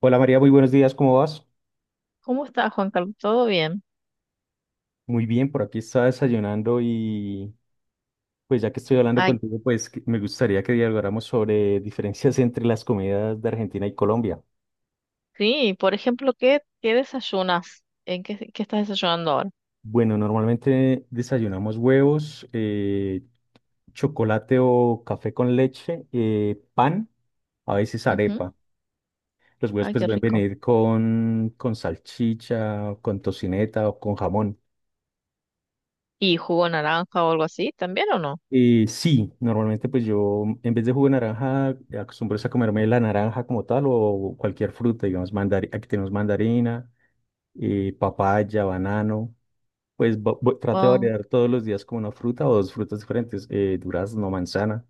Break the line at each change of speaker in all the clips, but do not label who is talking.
Hola María, muy buenos días, ¿cómo vas?
¿Cómo estás, Juan Carlos? ¿Todo bien?
Muy bien, por aquí estaba desayunando y pues ya que estoy hablando
Ay,
contigo, me gustaría que dialogáramos sobre diferencias entre las comidas de Argentina y Colombia.
sí, por ejemplo, ¿qué desayunas? ¿En qué estás desayunando ahora?
Bueno, normalmente desayunamos huevos, chocolate o café con leche, pan, a veces
Ujú.
arepa. Los huevos
Ay,
pues
qué
pueden
rico.
venir con salchicha, con tocineta o con jamón.
¿Y jugo naranja o algo así también o no?
Sí, normalmente pues yo en vez de jugo de naranja acostumbro es a comerme la naranja como tal o cualquier fruta, digamos, aquí tenemos mandarina, papaya, banano, pues trato de
Wow.
variar todos los días como una fruta o dos frutas diferentes, durazno, manzana.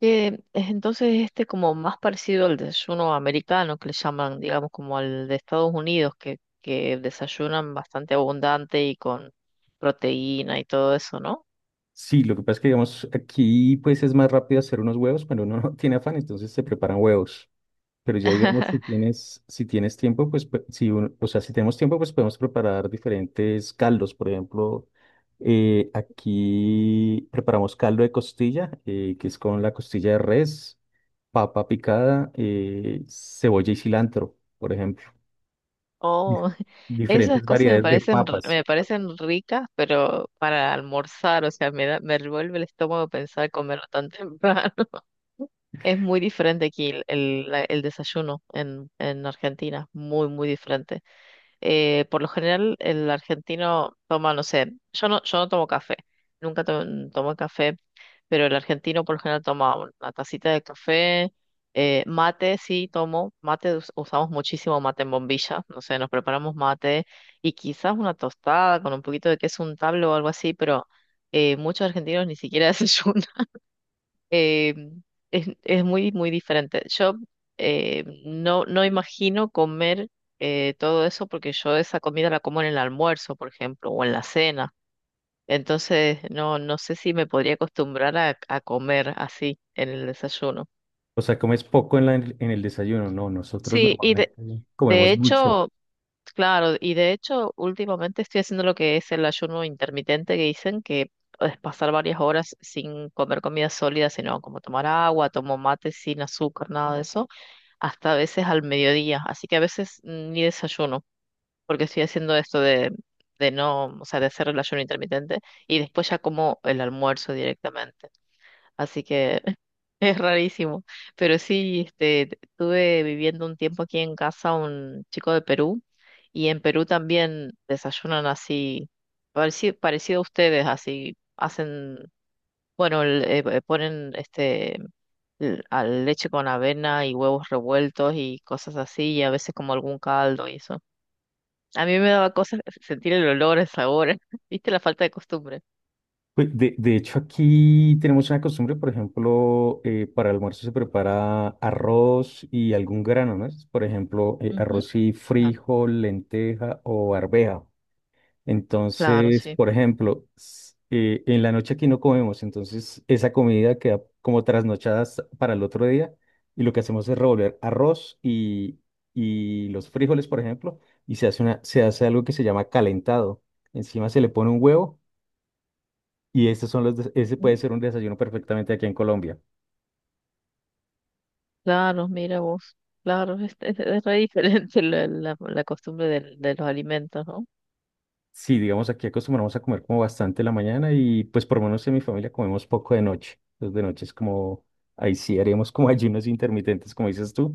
Es entonces como más parecido al desayuno americano que le llaman, digamos, como al de Estados Unidos, que desayunan bastante abundante y con proteína y todo eso, ¿no?
Sí, lo que pasa es que digamos aquí pues es más rápido hacer unos huevos, pero uno no tiene afán, entonces se preparan huevos. Pero ya digamos, si tienes, si tienes tiempo, o sea, si tenemos tiempo, pues podemos preparar diferentes caldos. Por ejemplo, aquí preparamos caldo de costilla, que es con la costilla de res, papa picada, cebolla y cilantro, por ejemplo. Dif-
Oh, esas
Diferentes
cosas me
variedades de
parecen,
papas.
me parecen ricas, pero para almorzar, o sea, me da, me revuelve el estómago pensar comerlo tan temprano. Es muy diferente aquí el desayuno en Argentina, muy, muy diferente. Por lo general, el argentino toma, no sé, yo no tomo café, nunca to- tomo café, pero el argentino por lo general toma una tacita de café, mate, sí, tomo, mate, usamos muchísimo mate en bombilla, no sé, nos preparamos mate y quizás una tostada con un poquito de queso untable o algo así, pero muchos argentinos ni siquiera desayunan, eh, es muy, muy diferente. Yo, no, no imagino comer, todo eso porque yo esa comida la como en el almuerzo, por ejemplo, o en la cena. Entonces, no, no sé si me podría acostumbrar a comer así en el desayuno.
O sea, comes poco en el desayuno. No, nosotros
Sí,
normalmente
de
comemos mucho.
hecho, claro, y de hecho, últimamente estoy haciendo lo que es el ayuno intermitente que dicen que es pasar varias horas sin comer comida sólida, sino como tomar agua, tomo mate sin azúcar, nada de eso. Hasta a veces al mediodía, así que a veces ni desayuno, porque estoy haciendo esto de no, o sea, de hacer el ayuno intermitente y después ya como el almuerzo directamente, así que es rarísimo, pero sí, este, estuve viviendo un tiempo aquí en casa un chico de Perú y en Perú también desayunan así, parecido, a ustedes, así hacen, bueno, ponen a leche con avena y huevos revueltos y cosas así, y a veces como algún caldo y eso. A mí me daba cosas sentir el olor, el sabor, ¿viste? La falta de costumbre.
Pues, de hecho, aquí tenemos una costumbre, por ejemplo, para el almuerzo se prepara arroz y algún grano, ¿no? Es, por ejemplo,
Ujú.
arroz y
Claro,
frijol, lenteja o arveja.
claro,
Entonces,
sí.
por ejemplo, en la noche aquí no comemos, entonces esa comida queda como trasnochada para el otro día, y lo que hacemos es revolver arroz y los frijoles, por ejemplo, y se hace una, se hace algo que se llama calentado. Encima se le pone un huevo y estos son ese puede
Mm.
ser un desayuno perfectamente aquí en Colombia.
Claro, mira vos. Claro, es re diferente la costumbre de los alimentos, ¿no?
Sí, digamos, aquí acostumbramos a comer como bastante en la mañana y pues por lo menos en mi familia comemos poco de noche. Entonces de noche es como, ahí sí haríamos como ayunos intermitentes, como dices tú,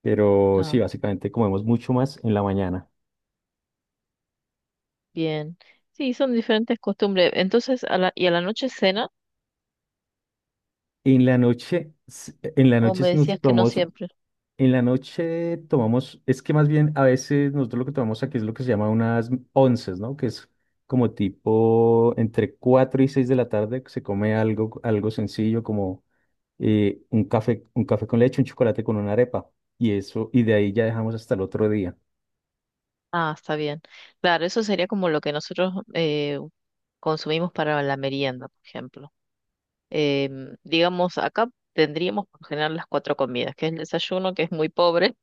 pero sí,
Claro,
básicamente comemos mucho más en la mañana.
bien. Sí, son diferentes costumbres. Entonces, ¿y a la noche cena?
En la
¿O
noche
me
nos
decías que no
tomamos,
siempre?
en la noche tomamos, es que más bien a veces nosotros lo que tomamos aquí es lo que se llama unas onces, ¿no? Que es como tipo entre 4 y 6 de la tarde se come algo, algo sencillo como un café con leche, un chocolate con una arepa. Y eso, y de ahí ya dejamos hasta el otro día.
Ah, está bien. Claro, eso sería como lo que nosotros, consumimos para la merienda, por ejemplo. Digamos, acá tendríamos por lo general las cuatro comidas, que es el desayuno, que es muy pobre,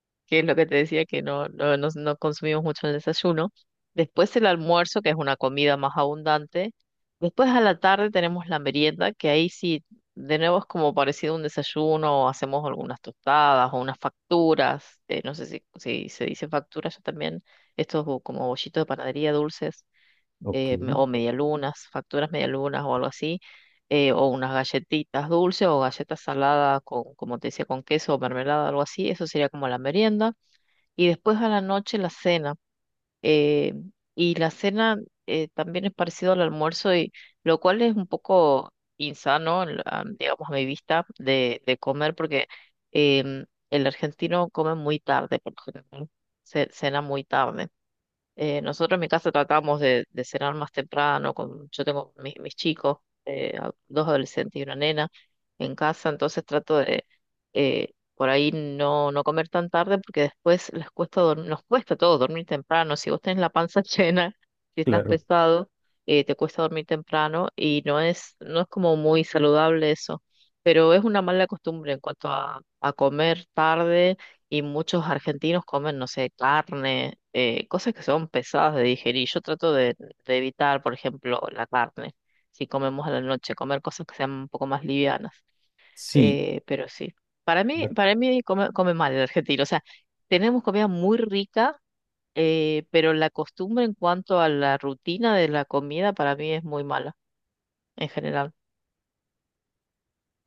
que es lo que te decía, que no consumimos mucho el desayuno. Después el almuerzo, que es una comida más abundante. Después a la tarde tenemos la merienda, que ahí sí, de nuevo es como parecido a un desayuno, o hacemos algunas tostadas o unas facturas, no sé si, si se dice facturas, yo también, como bollitos de panadería dulces,
Ok,
o medialunas, facturas medialunas o algo así, o unas galletitas dulces o galletas saladas con, como te decía, con queso o mermelada, algo así, eso sería como la merienda. Y después a la noche la cena. eh, y la cena, también es parecido al almuerzo, y lo cual es un poco insano, digamos, a mi vista, de comer, porque el argentino come muy tarde, por lo general, cena muy tarde. Nosotros en mi casa tratamos de cenar más temprano, con, yo tengo mis chicos, dos adolescentes y una nena en casa, entonces trato de, por ahí no, no comer tan tarde porque después les cuesta dormir, nos cuesta a todos dormir temprano, si vos tenés la panza llena, si estás
claro.
pesado, te cuesta dormir temprano y no es como muy saludable eso, pero es una mala costumbre en cuanto a comer tarde y muchos argentinos comen, no sé, carne, cosas que son pesadas de digerir. Yo trato de evitar, por ejemplo, la carne, si comemos a la noche, comer cosas que sean un poco más livianas.
Sí.
Pero sí, para mí, come mal el argentino. O sea, tenemos comida muy rica, pero la costumbre en cuanto a la rutina de la comida para mí es muy mala en general.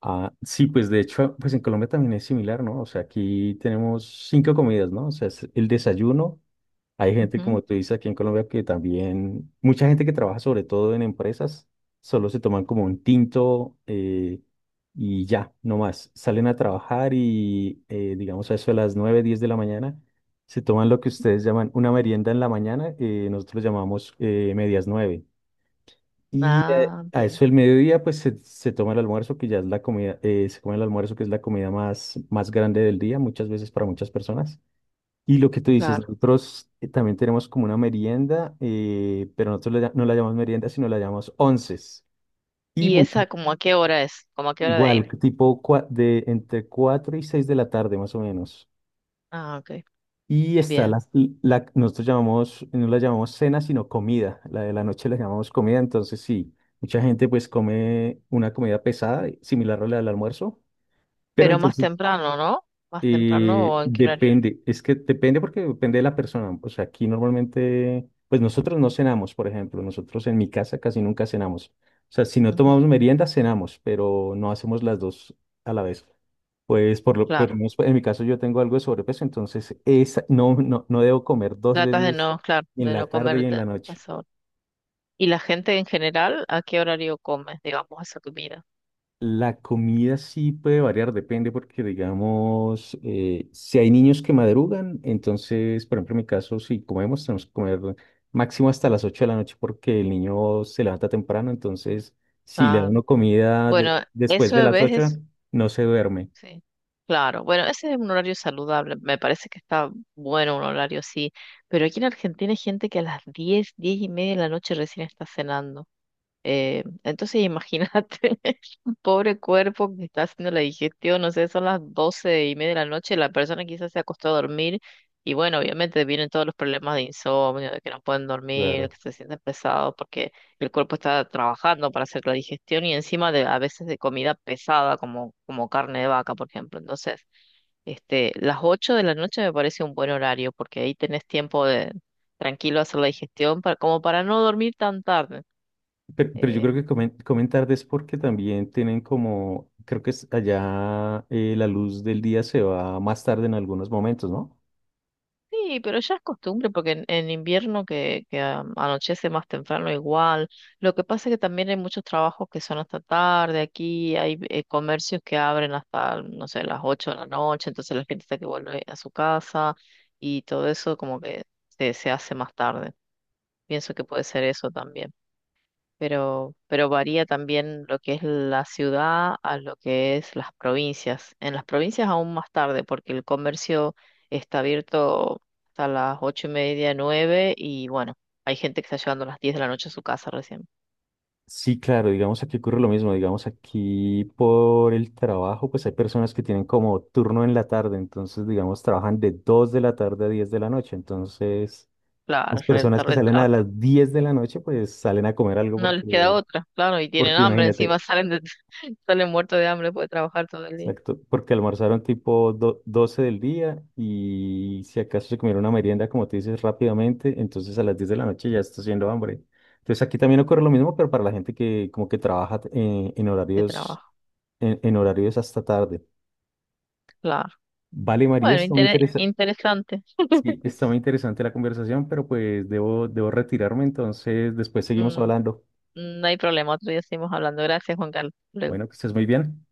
Ah, sí, pues de hecho, pues en Colombia también es similar, ¿no? O sea, aquí tenemos cinco comidas, ¿no? O sea, es el desayuno. Hay gente,
Ujú.
como tú dices, aquí en Colombia que también, mucha gente que trabaja sobre todo en empresas, solo se toman como un tinto y ya, no más. Salen a trabajar y, digamos, a eso de las 9, 10 de la mañana, se toman lo que ustedes llaman una merienda en la mañana, nosotros llamamos medias 9. Y
Ah,
a
bien,
eso el mediodía, pues se toma el almuerzo, que ya es la comida, se come el almuerzo, que es la comida más grande del día, muchas veces para muchas personas. Y lo que tú dices,
claro.
nosotros también tenemos como una merienda, pero nosotros no la llamamos merienda, sino la llamamos onces. Y
¿Y
mucho,
esa como a qué hora es? ¿Como a qué hora de ir?
igual, tipo de entre 4 y 6 de la tarde, más o menos.
Ah, ok,
Y está
bien.
la, nosotros llamamos, no la llamamos cena, sino comida. La de la noche la llamamos comida, entonces sí, mucha gente pues come una comida pesada, similar a la del almuerzo. Pero
Pero más
entonces,
temprano, ¿no? Más temprano o en qué horario.
Depende, es que depende porque depende de la persona. O sea, aquí normalmente, pues nosotros no cenamos, por ejemplo, nosotros en mi casa casi nunca cenamos. O sea, si no tomamos
Ujú,
merienda, cenamos, pero no hacemos las dos a la vez. Pues por lo
claro.
menos en mi caso yo tengo algo de sobrepeso, entonces esa, no debo comer dos
Tratas de
veces
no, claro,
en
de no
la tarde
comer
y en
de-
la
a
noche.
esa hora. ¿Y la gente en general a qué horario come, digamos, esa comida?
La comida sí puede variar, depende porque, digamos, si hay niños que madrugan, entonces, por ejemplo, en mi caso, si comemos, tenemos que comer máximo hasta las 8 de la noche porque el niño se levanta temprano, entonces, si le da uno
Claro. Bueno,
después
eso
de
de
las
vez
8
es,
no se duerme,
sí. Claro. Bueno, ese es un horario saludable. Me parece que está bueno un horario así. Pero aquí en Argentina hay gente que a las 10, 10 y media de la noche recién está cenando. Entonces imagínate. Pobre cuerpo que está haciendo la digestión, no sé, son las doce y media de la noche, la persona quizás se acostó a dormir y bueno, obviamente vienen todos los problemas de insomnio, de que no pueden dormir,
claro.
que se sienten pesados porque el cuerpo está trabajando para hacer la digestión y encima de a veces de comida pesada como, como carne de vaca, por ejemplo. Entonces, este, las ocho de la noche me parece un buen horario porque ahí tenés tiempo de tranquilo hacer la digestión para, como para no dormir tan tarde.
Pero yo
eh,
creo que comen tarde es porque también tienen como, creo que es allá la luz del día se va más tarde en algunos momentos, ¿no?
Sí, pero ya es costumbre porque en invierno que anochece más temprano igual. Lo que pasa es que también hay muchos trabajos que son hasta tarde. Aquí hay comercios que abren hasta, no sé, las 8 de la noche, entonces la gente está que vuelve a su casa y todo eso como que se hace más tarde. Pienso que puede ser eso también, pero varía también lo que es la ciudad a lo que es las provincias. En las provincias aún más tarde, porque el comercio está abierto hasta las ocho y media, nueve, y bueno, hay gente que está llegando a las diez de la noche a su casa recién.
Sí, claro, digamos aquí ocurre lo mismo, digamos aquí por el trabajo, pues hay personas que tienen como turno en la tarde, entonces digamos trabajan de 2 de la tarde a 10 de la noche, entonces
Claro,
las
re
personas que
tarde,
salen a
tarde.
las 10 de la noche pues salen a comer algo
No les queda
porque,
otra, claro, y tienen
porque
hambre
imagínate,
encima, salen muertos de hambre, puede trabajar todo el día
exacto, porque almorzaron tipo 12 del día y si acaso se comieron una merienda como tú dices rápidamente, entonces a las 10 de la noche ya está haciendo hambre. Entonces aquí también ocurre lo mismo, pero para la gente que como que trabaja en
de
horarios
trabajo,
en horarios hasta tarde.
claro.
Vale, María,
Bueno,
está muy interesante.
interesante.
Sí, está muy interesante la conversación, pero pues debo retirarme, entonces después seguimos
Mm, mm,
hablando.
no hay problema, otro día seguimos hablando. Gracias, Juan Carlos. Hasta luego.
Bueno, que estés muy bien.